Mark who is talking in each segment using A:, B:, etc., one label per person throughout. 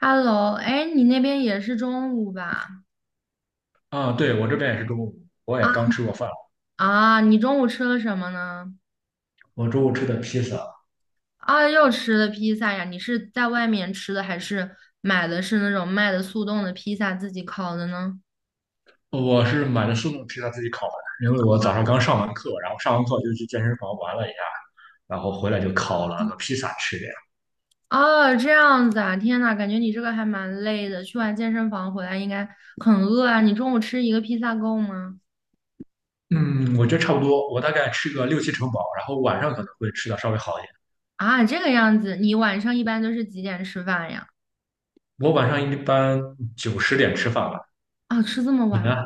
A: Hello，哎，你那边也是中午吧？
B: 啊，对，我这边也是中午，我
A: 啊
B: 也刚吃过饭，
A: 啊，你中午吃了什么呢？
B: 我中午吃的披萨，
A: 啊，又吃了披萨呀？你是在外面吃的，还是买的是那种卖的速冻的披萨自己烤的呢？
B: 我是买的速冻披萨自己烤的，因为我早上刚上完课，然后上完课就去健身房玩了一下，然后回来就烤了个披萨吃这样。
A: 哦，这样子啊，天呐，感觉你这个还蛮累的，去完健身房回来应该很饿啊。你中午吃一个披萨够吗？
B: 嗯，我觉得差不多，我大概吃个六七成饱，然后晚上可能会吃的稍微好一点。
A: 啊，这个样子，你晚上一般都是几点吃饭呀？
B: 我晚上一般九十点吃饭吧，
A: 啊，吃这么
B: 你
A: 晚吗？
B: 呢？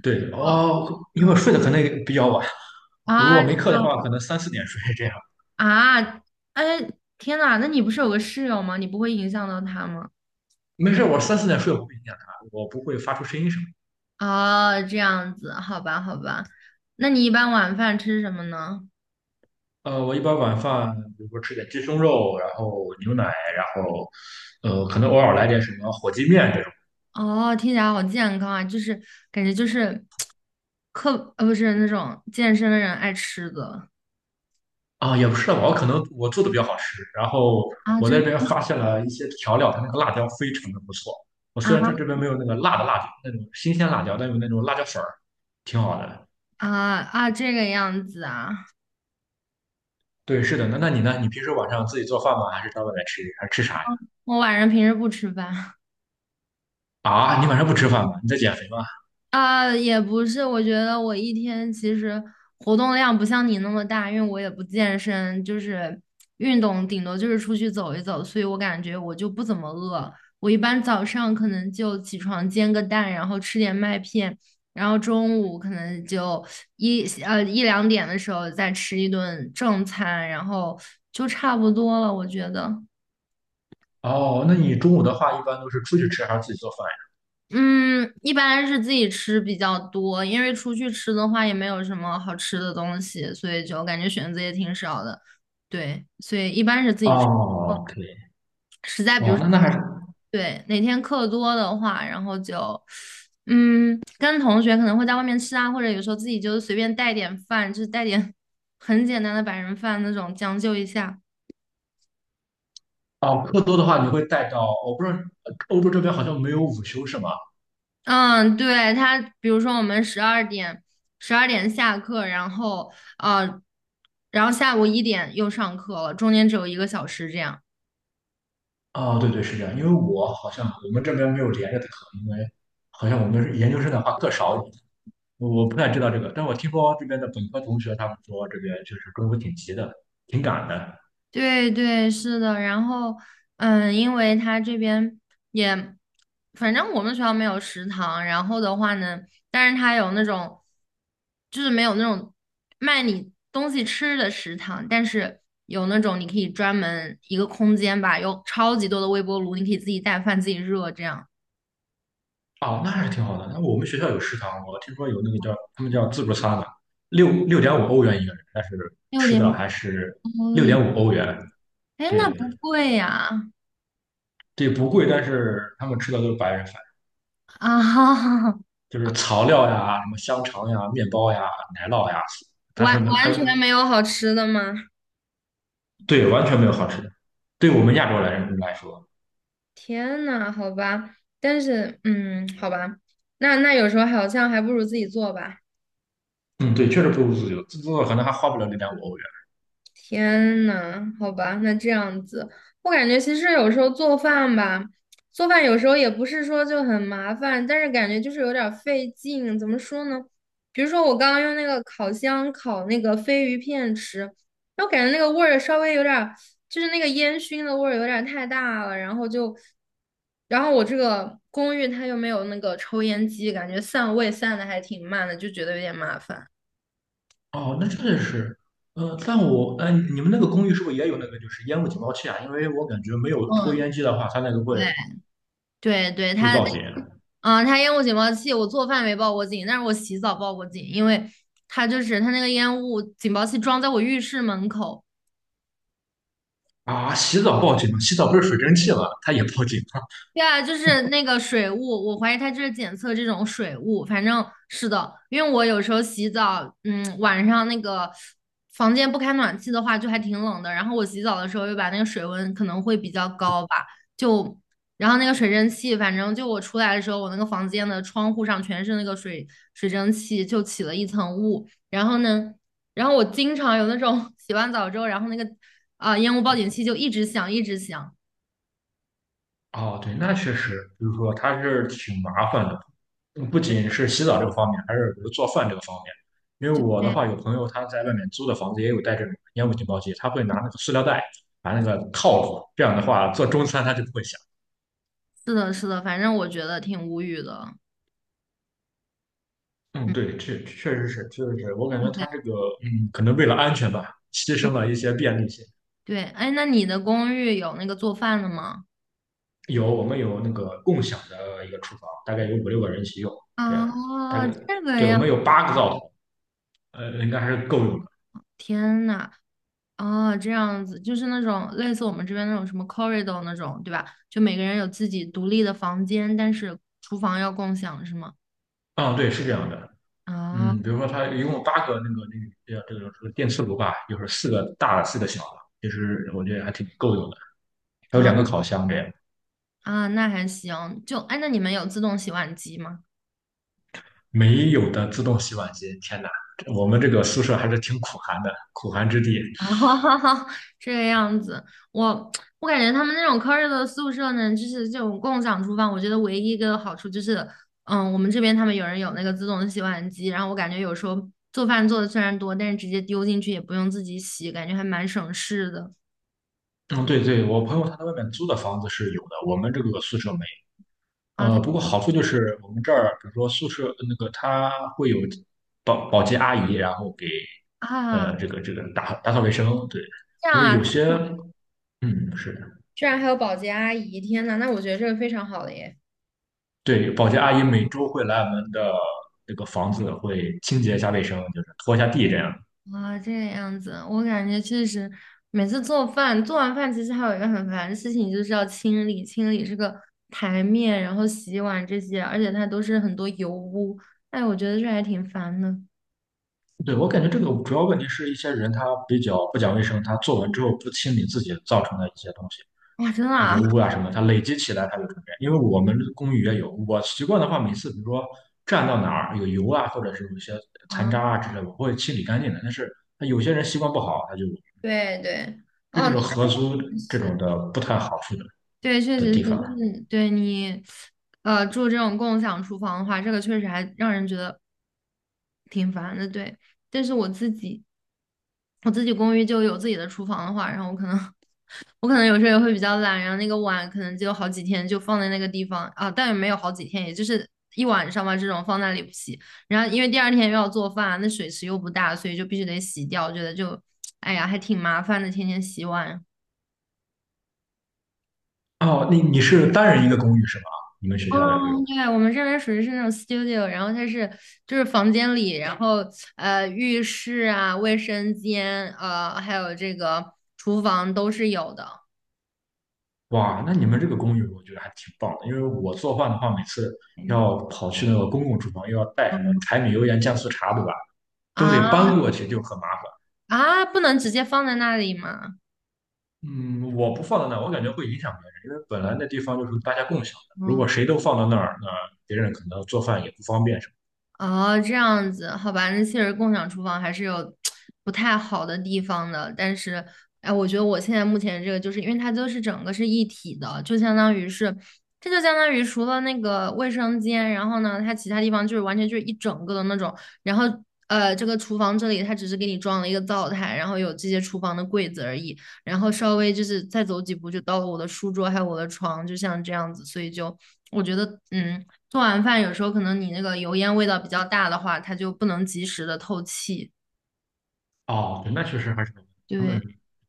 B: 对，
A: 哦，
B: 哦，因为
A: 嗯
B: 睡得可能也比较晚，我如果
A: 啊，
B: 没课的话，可能三四点睡这样。
A: 啊，哎，天呐，那你不是有个室友吗？你不会影响到他吗？
B: 没事，我三四点睡我不影响他，我不会发出声音什么。
A: 哦，这样子，好吧，好吧。那你一般晚饭吃什么呢？
B: 我一般晚饭，比如说吃点鸡胸肉，然后牛奶，然后，可能偶尔来点什么火鸡面这种。
A: 哦，听起来好健康啊，就是感觉就是课不是那种健身的人爱吃的。
B: 啊，也不是吧，我可能我做的比较好吃。然后
A: 啊，
B: 我在
A: 真
B: 这边发现了一些调料，它那个辣椒非常的不错。我虽然它
A: 啊
B: 这边没有那个辣的辣椒，那种新鲜辣椒，但有那种辣椒粉儿，挺好的。
A: 啊啊这个样子啊。
B: 对，是的。那你呢？你平时晚上自己做饭吗？还是到外面吃？还是吃啥呀？
A: 我晚上平时不吃饭。
B: 啊，你晚上不吃饭吗？你在减肥吗？
A: 啊，也不是，我觉得我一天其实活动量不像你那么大，因为我也不健身，就是运动顶多就是出去走一走，所以我感觉我就不怎么饿。我一般早上可能就起床煎个蛋，然后吃点麦片，然后中午可能就一两点的时候再吃一顿正餐，然后就差不多了，我觉得。
B: 哦，那你中午的话一般都是出去吃还是自己做饭
A: 嗯，一般是自己吃比较多，因为出去吃的话也没有什么好吃的东西，所以就感觉选择也挺少的。对，所以一般是自
B: 呀？
A: 己吃。哦，
B: 哦，可以。
A: 实在比如
B: 哇，
A: 说，
B: 那还是
A: 对，哪天课多的话，然后就，嗯，跟同学可能会在外面吃啊，或者有时候自己就随便带点饭，就是带点 很简单的白人饭那种，将就一下。
B: 哦，课多的话，你会带到，我不知道欧洲这边好像没有午休是吗？
A: 嗯，对，他，比如说我们十二点下课，呃，然后下午一点又上课了，中间只有1个小时这样。
B: 啊，对对，是这样，因为我好像我们这边没有连着的课，因为好像我们是研究生的话课少一点，我不太知道这个，但我听说这边的本科同学他们说这边就是中午挺急的，挺赶的。
A: 对对，是的。然后嗯，因为他这边也，反正我们学校没有食堂，然后的话呢，但是他有那种，就是没有那种卖你东西吃的食堂，但是。有那种你可以专门一个空间吧，有超级多的微波炉，你可以自己带饭自己热这样。
B: 哦，那还是挺好的。那我们学校有食堂，我听说有那个叫他们叫自助餐的，六点五欧元一个人，但是
A: 六
B: 吃
A: 点
B: 的还是
A: 多
B: 六点
A: 一，
B: 五欧元，
A: 哎，那
B: 对，
A: 不贵呀！
B: 这不贵，但是他们吃的都是白人饭。
A: 啊，
B: 就是草料呀、什么香肠呀、面包呀、奶酪呀，它是
A: 完
B: 还
A: 完
B: 有
A: 全没有好吃的吗？
B: 对，完全没有好吃的。对我们亚洲来人来说，
A: 天呐，好吧，但是，嗯，好吧，那有时候好像还不如自己做吧。
B: 嗯，对，确实不如自做可能还花不了0.5欧元。
A: 天呐，好吧，那这样子，我感觉其实有时候做饭吧，做饭有时候也不是说就很麻烦，但是感觉就是有点儿费劲。怎么说呢？比如说我刚刚用那个烤箱烤那个飞鱼片吃，我感觉那个味儿稍微有点儿，就是那个烟熏的味儿有点儿太大了，然后就，然后我这个公寓它又没有那个抽烟机，感觉散味散的还挺慢的，就觉得有点麻烦。
B: 哦，那真的是，但我，你们那个公寓是不是也有那个就是烟雾警报器啊？因为我感觉没有抽
A: 嗯。
B: 烟机的话，它那个会
A: 对对对，
B: 会
A: 它
B: 报警
A: 啊，它烟雾警报器，我做饭没报过警，但是我洗澡报过警，因为它就是它那个烟雾警报器装在我浴室门口，
B: 啊。洗澡报警吗？洗澡不是水蒸气吗？它也报警。
A: 对啊，就是那个水雾，我怀疑它就是检测这种水雾。反正是的，因为我有时候洗澡，晚上那个房间不开暖气的话，就还挺冷的。然后我洗澡的时候又把那个水温可能会比较高吧，就然后那个水蒸气，反正就我出来的时候，我那个房间的窗户上全是那个水蒸气，就起了一层雾。然后呢，我经常有那种 洗完澡之后，然后烟雾报警器就一直响，一直响。
B: 哦，对，那确实，就是说它是挺麻烦的，不仅是洗澡这个方面，还是比如做饭这个方面。因为我的话，有朋友他在外面租的房子也有带这种烟雾警报器，他会拿那个塑料袋把那个套住，这样的话做中餐他就不会响。
A: 是的，是的，反正我觉得挺无语的。
B: 嗯，
A: 嗯，
B: 对，这确实是，确实是，我感觉他
A: 对
B: 这个，可能为了安全吧，牺牲了一些便利性。
A: 对，哎，那你的公寓有那个做饭的吗？
B: 有，我们有那个共享的一个厨房，大概有五六个人一起用，这样，大
A: 啊，
B: 概，
A: 这个
B: 对，我
A: 呀，
B: 们有八个灶头，应该还是够用的。
A: 天呐，哦，这样子，就是那种类似我们这边那种什么 corridor 那种，对吧？就每个人有自己独立的房间，但是厨房要共享，是吗？
B: 嗯，对，是这样的。
A: 啊
B: 嗯，比如说它一共有八个电磁炉吧，就是四个大的，四个小的，其实我觉得还挺够用的。还有
A: 啊
B: 两个烤箱这样，
A: 啊，那还行。就，哎，那你们有自动洗碗机吗？
B: 没有的自动洗碗机，天哪，我们这个宿舍还是挺苦寒的，苦寒之地。
A: 啊，这个样子，我我感觉他们那种 c u 的宿舍呢，就是这种共享厨房，我觉得唯一一个好处就是，嗯，我们这边他们有人有那个自动的洗碗机，然后我感觉有时候做饭做的虽然多，但是直接丢进去也不用自己洗，感觉还蛮省事的。
B: 嗯，对对，我朋友他在外面租的房子是有的，我们这个宿舍没。
A: 啊。他
B: 不过好处就是我们这儿，比如说宿舍那个他会有保洁阿姨，然后给
A: 啊，
B: 打扫卫生，对，
A: 这
B: 因
A: 样
B: 为有
A: 啊，
B: 些嗯是。
A: 居然还有保洁阿姨，天呐，那我觉得这个非常好的耶。
B: 对，保洁阿姨每周会来我们的这个房子，会清洁一下卫生，就是拖一下地这样。
A: 啊，这个样子，我感觉确实，每次做饭，做完饭其实还有一个很烦的事情，就是要清理清理这个台面，然后洗碗这些，而且它都是很多油污，哎，我觉得这还挺烦的。
B: 对，我感觉这个主要问题是一些人他比较不讲卫生，他做完之后不清理自己造成的一些东西，
A: 哇，真的
B: 油
A: 啊？
B: 污啊什么，他累积起来他就成这样。因为我们公寓也有，我习惯的话，每次比如说站到哪儿有油啊，或者是有一些
A: 啊，
B: 残渣啊之类的，我会清理干净的。但是他有些人习惯不好，他就
A: 对对，
B: 这
A: 哦，
B: 种合租
A: 那
B: 这
A: 是
B: 种的不太好处的
A: 对，确
B: 的
A: 实是，
B: 地
A: 就
B: 方。
A: 是对你，住这种共享厨房的话，这个确实还让人觉得挺烦的。对，但是我自己公寓就有自己的厨房的话，然后我可能，我可能有时候也会比较懒，然后那个碗可能就好几天就放在那个地方啊，但也没有好几天，也就是一晚上吧，这种放那里不洗。然后因为第二天又要做饭，那水池又不大，所以就必须得洗掉，我觉得就，哎呀，还挺麻烦的，天天洗碗。
B: 哦，你是单人一个公寓是吧？你们学校的这
A: 嗯，
B: 种，
A: 对，我们这边属于是那种 studio，然后就是房间里，然后浴室啊、卫生间，还有这个厨房都是有的。
B: 哇，那你们这个公寓我觉得还挺棒的，因为我做饭的话，每次
A: 嗯
B: 要跑去那个公共厨房，又要带什么柴米油盐酱醋茶，对吧？都得
A: 啊
B: 搬过去，就很麻烦。
A: 啊，不能直接放在那里吗？
B: 嗯，我不放在那儿，我感觉会影响别人，因为本来那地方就是大家共享的，如果
A: 嗯。
B: 谁都放到那儿，那别人可能做饭也不方便什
A: 哦，这样子，好吧，那确实共享厨房还是有不太好的地方的，但是，哎，我觉得我现在目前这个，就是因为它就是整个是一体的，就相当于是，这就相当于除了那个卫生间，然后呢，它其他地方就是完全就是一整个的那种，然后这个厨房这里它只是给你装了一个灶台，然后有这些厨房的柜子而已，然后稍微就是再走几步就到了我的书桌还有我的床，就像这样子，所以就我觉得，嗯。做完饭有时候可能你那个油烟味道比较大的话，它就不能及时的透气。
B: 么。哦，对，那确实还是他们
A: 对，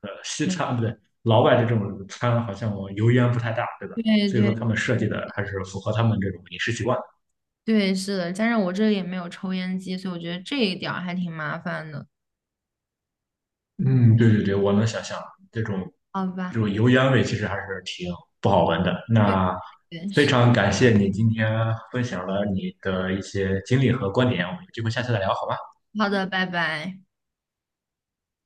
B: 西
A: 嗯
B: 餐不对，老外的这种餐好像油烟不太大，对吧？
A: 对
B: 所以说
A: 对
B: 他们设计的还是符合他们这种饮食习惯。
A: 对，是的。加上我这里也没有抽烟机，所以我觉得这一点儿还挺麻烦的。
B: 嗯，对对对，我能想象这种
A: 好吧，
B: 这种油烟味其实还是挺不好闻的。那
A: 对，
B: 非
A: 是。
B: 常感谢你今天分享了你的一些经历和观点，我们有机会下次再聊，好吧？
A: 好的，拜拜。